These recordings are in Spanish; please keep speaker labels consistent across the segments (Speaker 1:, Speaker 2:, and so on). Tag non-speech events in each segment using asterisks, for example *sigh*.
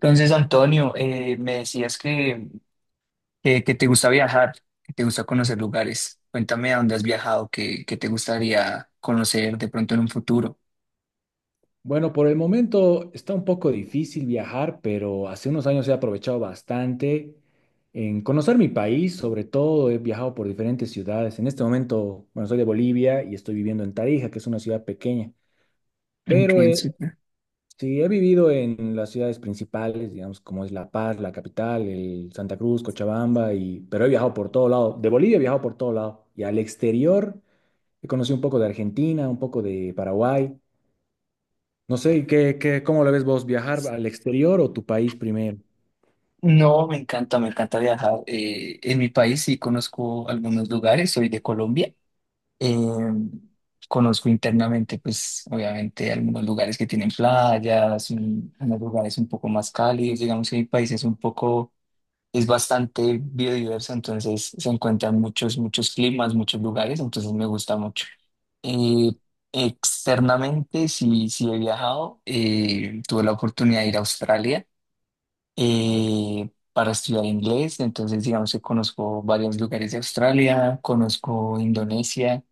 Speaker 1: Entonces, Antonio, me decías que, que te gusta viajar, que te gusta conocer lugares. Cuéntame a dónde has viajado, qué te gustaría conocer de pronto en un futuro.
Speaker 2: Bueno, por el momento está un poco difícil viajar, pero hace unos años he aprovechado bastante en conocer mi país, sobre todo he viajado por diferentes ciudades. En este momento, bueno, soy de Bolivia y estoy viviendo en Tarija, que es una ciudad pequeña, pero
Speaker 1: Ok, súper.
Speaker 2: sí he vivido en las ciudades principales, digamos, como es La Paz, la capital, el Santa Cruz, Cochabamba, pero he viajado por todo lado. De Bolivia he viajado por todo lado y al exterior he conocido un poco de Argentina, un poco de Paraguay. No sé, ¿ cómo lo ves vos? ¿Viajar al exterior o tu país primero?
Speaker 1: No, me encanta viajar. En mi país sí conozco algunos lugares, soy de Colombia. Eh, Conozco internamente, pues obviamente, algunos lugares que tienen playas, unos lugares un poco más cálidos, digamos que mi país es un poco, es bastante biodiverso, entonces se encuentran muchos, muchos climas, muchos lugares, entonces me gusta mucho. Eh, Externamente, sí he viajado, tuve la oportunidad de ir a Australia
Speaker 2: Ah, ok.
Speaker 1: para estudiar inglés. Entonces, digamos que conozco varios lugares de Australia, conozco Indonesia.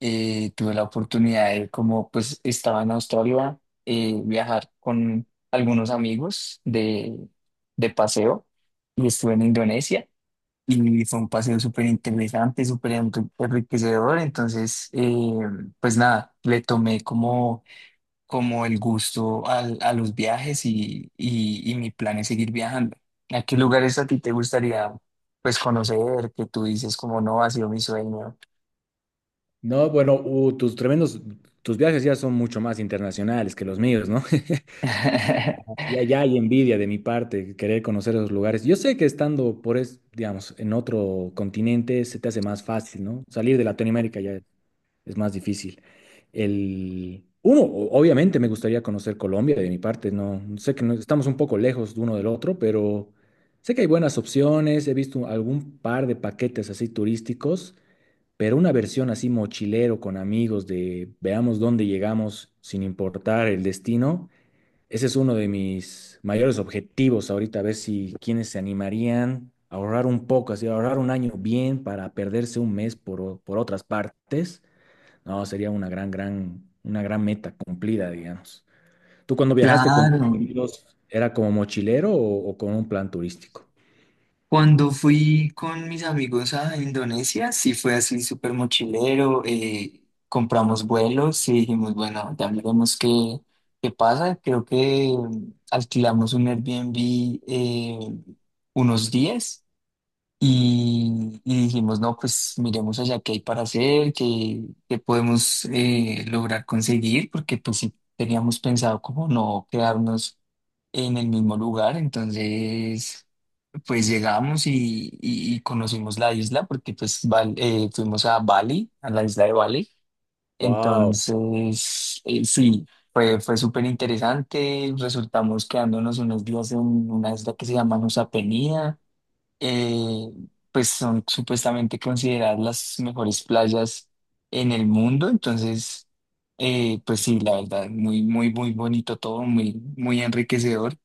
Speaker 1: Tuve la oportunidad de, como pues estaba en Australia, viajar con algunos amigos de paseo y estuve en Indonesia. Y fue un paseo súper interesante, enriquecedor. Entonces, pues nada, le tomé como como el gusto a, los viajes y mi plan es seguir viajando. ¿A qué lugares a ti te gustaría pues conocer que tú dices como no ha sido mi sueño?
Speaker 2: No, bueno, tus tremendos, tus viajes ya son mucho más internacionales que los míos, ¿no? *laughs*
Speaker 1: *laughs*
Speaker 2: Y allá hay envidia de mi parte, querer conocer esos lugares. Yo sé que estando por, es, digamos, en otro continente se te hace más fácil, ¿no? Salir de Latinoamérica ya es más difícil. El, uno, obviamente me gustaría conocer Colombia de mi parte, no sé que estamos un poco lejos de uno del otro, pero sé que hay buenas opciones, he visto algún par de paquetes así turísticos, pero una versión así mochilero con amigos de veamos dónde llegamos sin importar el destino. Ese es uno de mis mayores objetivos ahorita, a ver si quienes se animarían a ahorrar un poco, así ahorrar un año bien para perderse un mes por, por otras partes. No, sería una gran, gran, una gran meta cumplida, digamos. ¿Tú cuando viajaste con
Speaker 1: Claro,
Speaker 2: tus amigos, era como mochilero o con un plan turístico?
Speaker 1: cuando fui con mis amigos a Indonesia, sí fue así súper mochilero, compramos vuelos y dijimos, bueno, ya veremos qué, qué pasa. Creo que alquilamos un Airbnb eh, unos días. Y dijimos, no, pues miremos allá qué hay para hacer, qué, qué podemos lograr conseguir, porque pues sí teníamos pensado como no quedarnos en el mismo lugar, entonces pues llegamos y, y conocimos la isla, porque pues fuimos a Bali, a la isla de Bali,
Speaker 2: Wow,
Speaker 1: entonces sí, fue, fue súper interesante, resultamos quedándonos unos días en una isla que se llama Nusa Penida. eh, pues son supuestamente consideradas las mejores playas en el mundo. Entonces, pues sí, la verdad, muy, muy, muy bonito todo, muy, muy enriquecedor.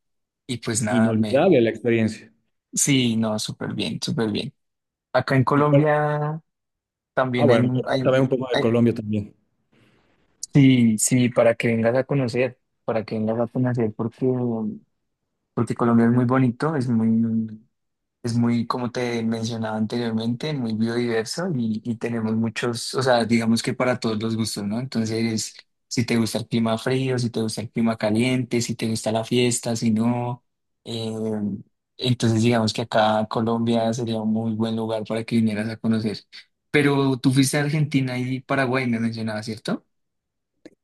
Speaker 1: Y pues nada, me,
Speaker 2: inolvidable la experiencia.
Speaker 1: sí, no, súper bien, súper bien. Acá en
Speaker 2: ¿Y cuál-
Speaker 1: Colombia
Speaker 2: Ah,
Speaker 1: también hay,
Speaker 2: bueno, también un poco de
Speaker 1: hay-
Speaker 2: Colombia también.
Speaker 1: sí, sí, para que vengas a conocer, para que vengas a conocer, porque, porque Colombia es muy bonito, es muy, es muy, como te mencionaba anteriormente, muy biodiverso y tenemos muchos, o sea, digamos que para todos los gustos, ¿no? Entonces, si te gusta el clima frío, si te gusta el clima caliente, si te gusta la fiesta, si no, eh, entonces digamos que acá Colombia sería un muy buen lugar para que vinieras a conocer. Pero tú fuiste a Argentina y Paraguay, me mencionabas, ¿cierto?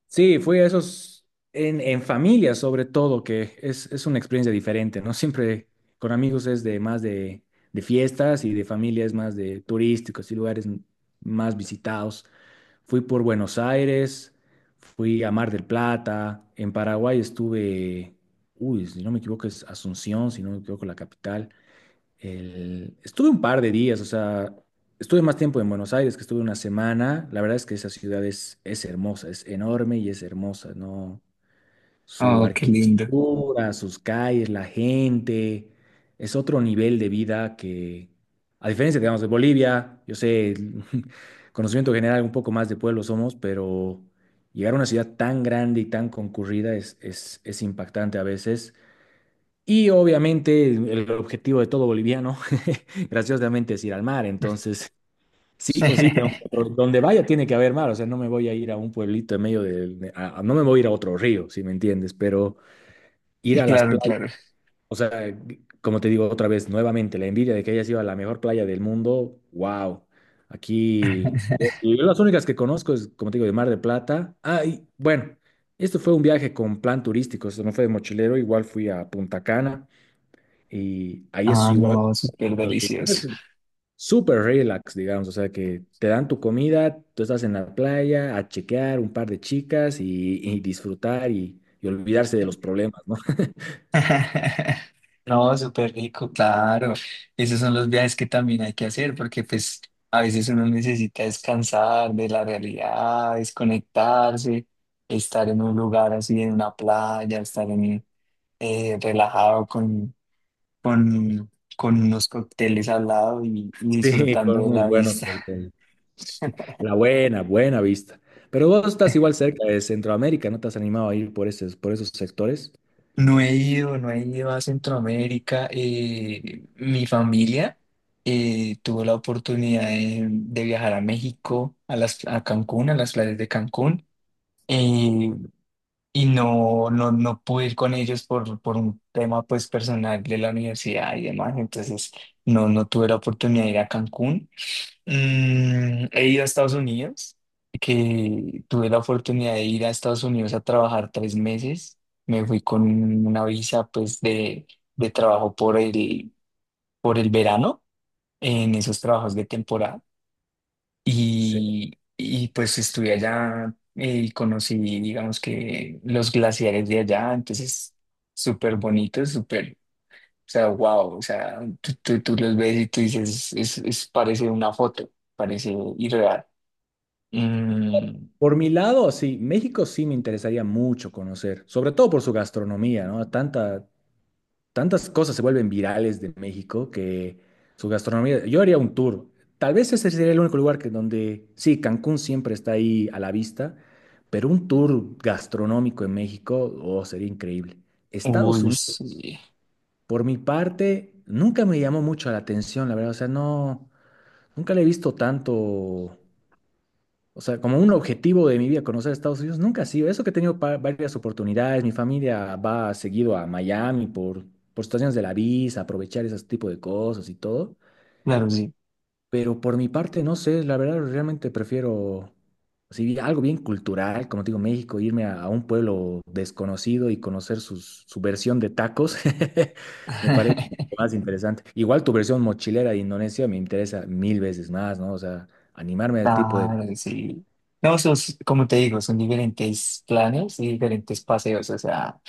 Speaker 2: Sí, fui a esos en familia sobre todo, que es una experiencia diferente, ¿no? Siempre con amigos es de más de fiestas y de familia es más de turísticos y lugares más visitados. Fui por Buenos Aires, fui a Mar del Plata, en Paraguay estuve, uy, si no me equivoco es Asunción, si no me equivoco la capital estuve un par de días, o sea, estuve más tiempo en Buenos Aires, que estuve una semana. La verdad es que esa ciudad es hermosa, es enorme y es hermosa, ¿no? Su
Speaker 1: Oh, qué lindo.
Speaker 2: arquitectura, sus calles, la gente, es otro nivel de vida que, a diferencia, digamos, de Bolivia, yo sé, el *laughs* conocimiento general un poco más de pueblo somos, pero llegar a una ciudad tan grande y tan concurrida es impactante a veces. Y obviamente el objetivo de todo boliviano, *laughs* graciosamente, es ir al mar. Entonces, sí o sí,
Speaker 1: *laughs*
Speaker 2: donde vaya tiene que haber mar. O sea, no me voy a ir a un pueblito en medio del... de- a- no me voy a ir a otro río, si me entiendes, pero ir a las
Speaker 1: Claro,
Speaker 2: playas,
Speaker 1: claro.
Speaker 2: o sea, como te digo otra vez, nuevamente, la envidia de que hayas ido a la mejor playa del mundo, wow. Aquí, yo las únicas que conozco es, como te digo, de Mar de Plata. Ah, y bueno, esto fue un viaje con plan turístico, esto no fue de mochilero, igual fui a Punta Cana. Y ahí es
Speaker 1: Ah,
Speaker 2: igual.
Speaker 1: no, súper
Speaker 2: Entonces,
Speaker 1: delicioso.
Speaker 2: es súper relax, digamos. O sea, que te dan tu comida, tú estás en la playa a chequear un par de chicas y disfrutar y olvidarse de los problemas, ¿no? *laughs*
Speaker 1: *laughs* No, súper rico, claro. Esos son los viajes que también hay que hacer porque pues a veces uno necesita descansar de la realidad, desconectarse, estar en un lugar así, en una playa, estar en, relajado con, con unos cócteles al lado y
Speaker 2: Sí, con
Speaker 1: disfrutando de
Speaker 2: unos
Speaker 1: la
Speaker 2: buenos
Speaker 1: vista.
Speaker 2: cócteles.
Speaker 1: *laughs*
Speaker 2: La buena, buena vista. Pero vos estás igual cerca de Centroamérica, ¿no te has animado a ir por esos sectores?
Speaker 1: No he ido, no he ido a Centroamérica. Mi familia tuvo la oportunidad de viajar a México, a las, a Cancún, a las playas de Cancún. eh, y no, no, no pude ir con ellos por un tema pues personal de la universidad y demás. Entonces no, no tuve la oportunidad de ir a Cancún. Mm, he ido a Estados Unidos, que tuve la oportunidad de ir a Estados Unidos a trabajar tres meses. Me fui con una visa pues de trabajo por el verano en esos trabajos de temporada.
Speaker 2: Sí.
Speaker 1: Y pues estuve allá y conocí, digamos que los glaciares de allá, entonces súper bonitos, súper, o sea, wow, o sea, tú, tú los ves y tú dices, es, parece una foto, parece irreal. Mm,
Speaker 2: Por mi lado, sí, México sí me interesaría mucho conocer, sobre todo por su gastronomía, ¿no? Tanta, tantas cosas se vuelven virales de México que su gastronomía, yo haría un tour. Tal vez ese sería el único lugar que donde, sí, Cancún siempre está ahí a la vista, pero un tour gastronómico en México, oh, sería increíble. Estados
Speaker 1: uy,
Speaker 2: Unidos,
Speaker 1: sí.
Speaker 2: por mi parte, nunca me llamó mucho la atención, la verdad, o sea, no, nunca le he visto tanto, o sea, como un objetivo de mi vida conocer Estados Unidos nunca ha sido. Eso que he tenido varias oportunidades, mi familia va seguido a Miami por situaciones de la visa, aprovechar ese tipo de cosas y todo.
Speaker 1: Claro, sí.
Speaker 2: Pero por mi parte, no sé, la verdad realmente prefiero, si algo bien cultural, como te digo, México, irme a un pueblo desconocido y conocer su versión de tacos, *laughs* me parece
Speaker 1: *laughs*
Speaker 2: más interesante. Igual tu versión mochilera de Indonesia me interesa mil veces más, ¿no? O sea, animarme al tipo de...
Speaker 1: Claro, sí. No, esos, como te digo, son diferentes planes y diferentes paseos. O sea,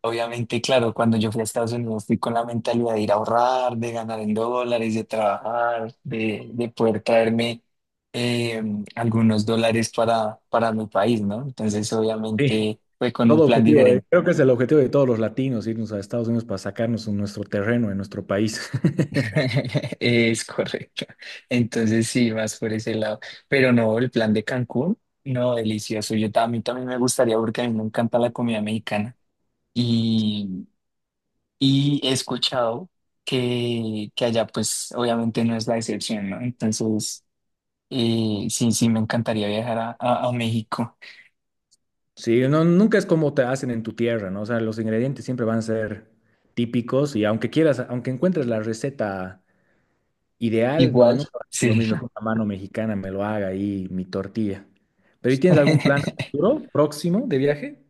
Speaker 1: obviamente, claro, cuando yo fui a Estados Unidos fui con la mentalidad de ir a ahorrar, de ganar en dólares, de trabajar, de poder traerme eh, algunos dólares para mi país, ¿no? Entonces,
Speaker 2: Sí.
Speaker 1: obviamente, fue con un
Speaker 2: Todo
Speaker 1: plan
Speaker 2: objetivo,
Speaker 1: diferente.
Speaker 2: creo que es el objetivo de todos los latinos, irnos a Estados Unidos para sacarnos en nuestro terreno, en nuestro país. *laughs*
Speaker 1: *laughs* Es correcto. Entonces sí, más por ese lado. Pero no, el plan de Cancún, no, delicioso. A mí también me gustaría porque a mí me encanta la comida mexicana. Y, y he escuchado que allá pues obviamente no es la excepción, ¿no? Entonces sí, sí, me encantaría viajar a, a México.
Speaker 2: Sí, no, nunca es como te hacen en tu tierra, ¿no? O sea, los ingredientes siempre van a ser típicos y aunque quieras, aunque encuentres la receta ideal, no,
Speaker 1: Igual,
Speaker 2: nunca va a ser lo
Speaker 1: sí.
Speaker 2: mismo que una mano mexicana me lo haga ahí mi tortilla. Pero ¿y tienes algún plan a
Speaker 1: *laughs*
Speaker 2: futuro, próximo de viaje?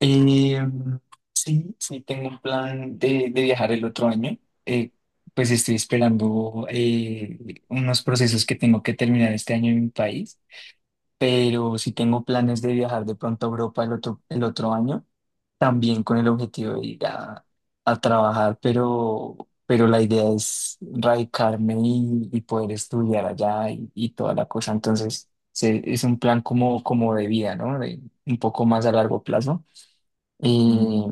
Speaker 1: Eh, sí, sí, tengo un plan de viajar el otro año. Eh, pues estoy esperando unos procesos que tengo que terminar este año en mi país, pero sí tengo planes de viajar de pronto a Europa el otro año, también con el objetivo de ir a trabajar, pero la idea es radicarme y poder estudiar allá y toda la cosa. Entonces, es un plan como, como de vida, ¿no? De, un poco más a largo plazo.
Speaker 2: Mm,
Speaker 1: Eh,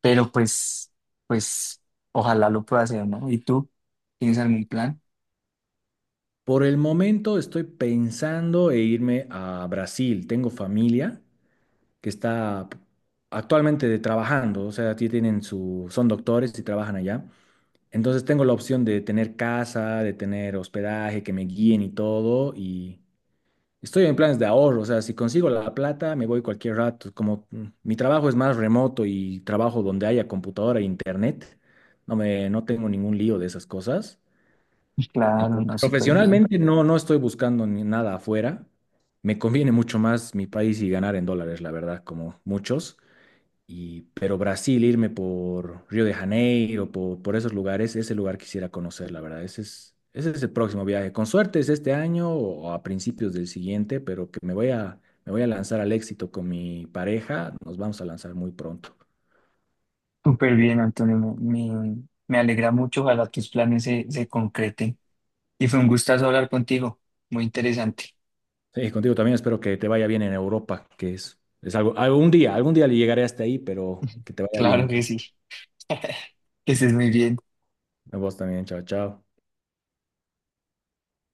Speaker 1: pero pues, pues, ojalá lo pueda hacer, ¿no? ¿Y tú? ¿Tienes algún plan?
Speaker 2: Por el momento estoy pensando en irme a Brasil. Tengo familia que está actualmente trabajando, o sea, tienen su, son doctores y trabajan allá. Entonces tengo la opción de tener casa, de tener hospedaje, que me guíen y todo, y estoy en planes de ahorro, o sea, si consigo la plata, me voy cualquier rato. Como mi trabajo es más remoto y trabajo donde haya computadora e internet, no tengo ningún lío de esas cosas.
Speaker 1: Pues claro,
Speaker 2: Entonces,
Speaker 1: no, súper bien.
Speaker 2: profesionalmente no, no estoy buscando ni nada afuera. Me conviene mucho más mi país y ganar en dólares, la verdad, como muchos. Y, pero Brasil, irme por Río de Janeiro, por esos lugares, ese lugar quisiera conocer, la verdad. Ese es el próximo viaje. Con suerte es este año o a principios del siguiente, pero que me voy a lanzar al éxito con mi pareja. Nos vamos a lanzar muy pronto.
Speaker 1: Súper bien, Antonio. Me, me alegra mucho. Ojalá tus planes se, se concreten. Y fue un gustazo hablar contigo. Muy interesante.
Speaker 2: Sí, contigo también espero que te vaya bien en Europa, que es algo, algún día le llegaré hasta ahí, pero
Speaker 1: *laughs*
Speaker 2: que te vaya
Speaker 1: Claro
Speaker 2: bien.
Speaker 1: que sí. Que estés muy bien.
Speaker 2: A vos también, chao, chao.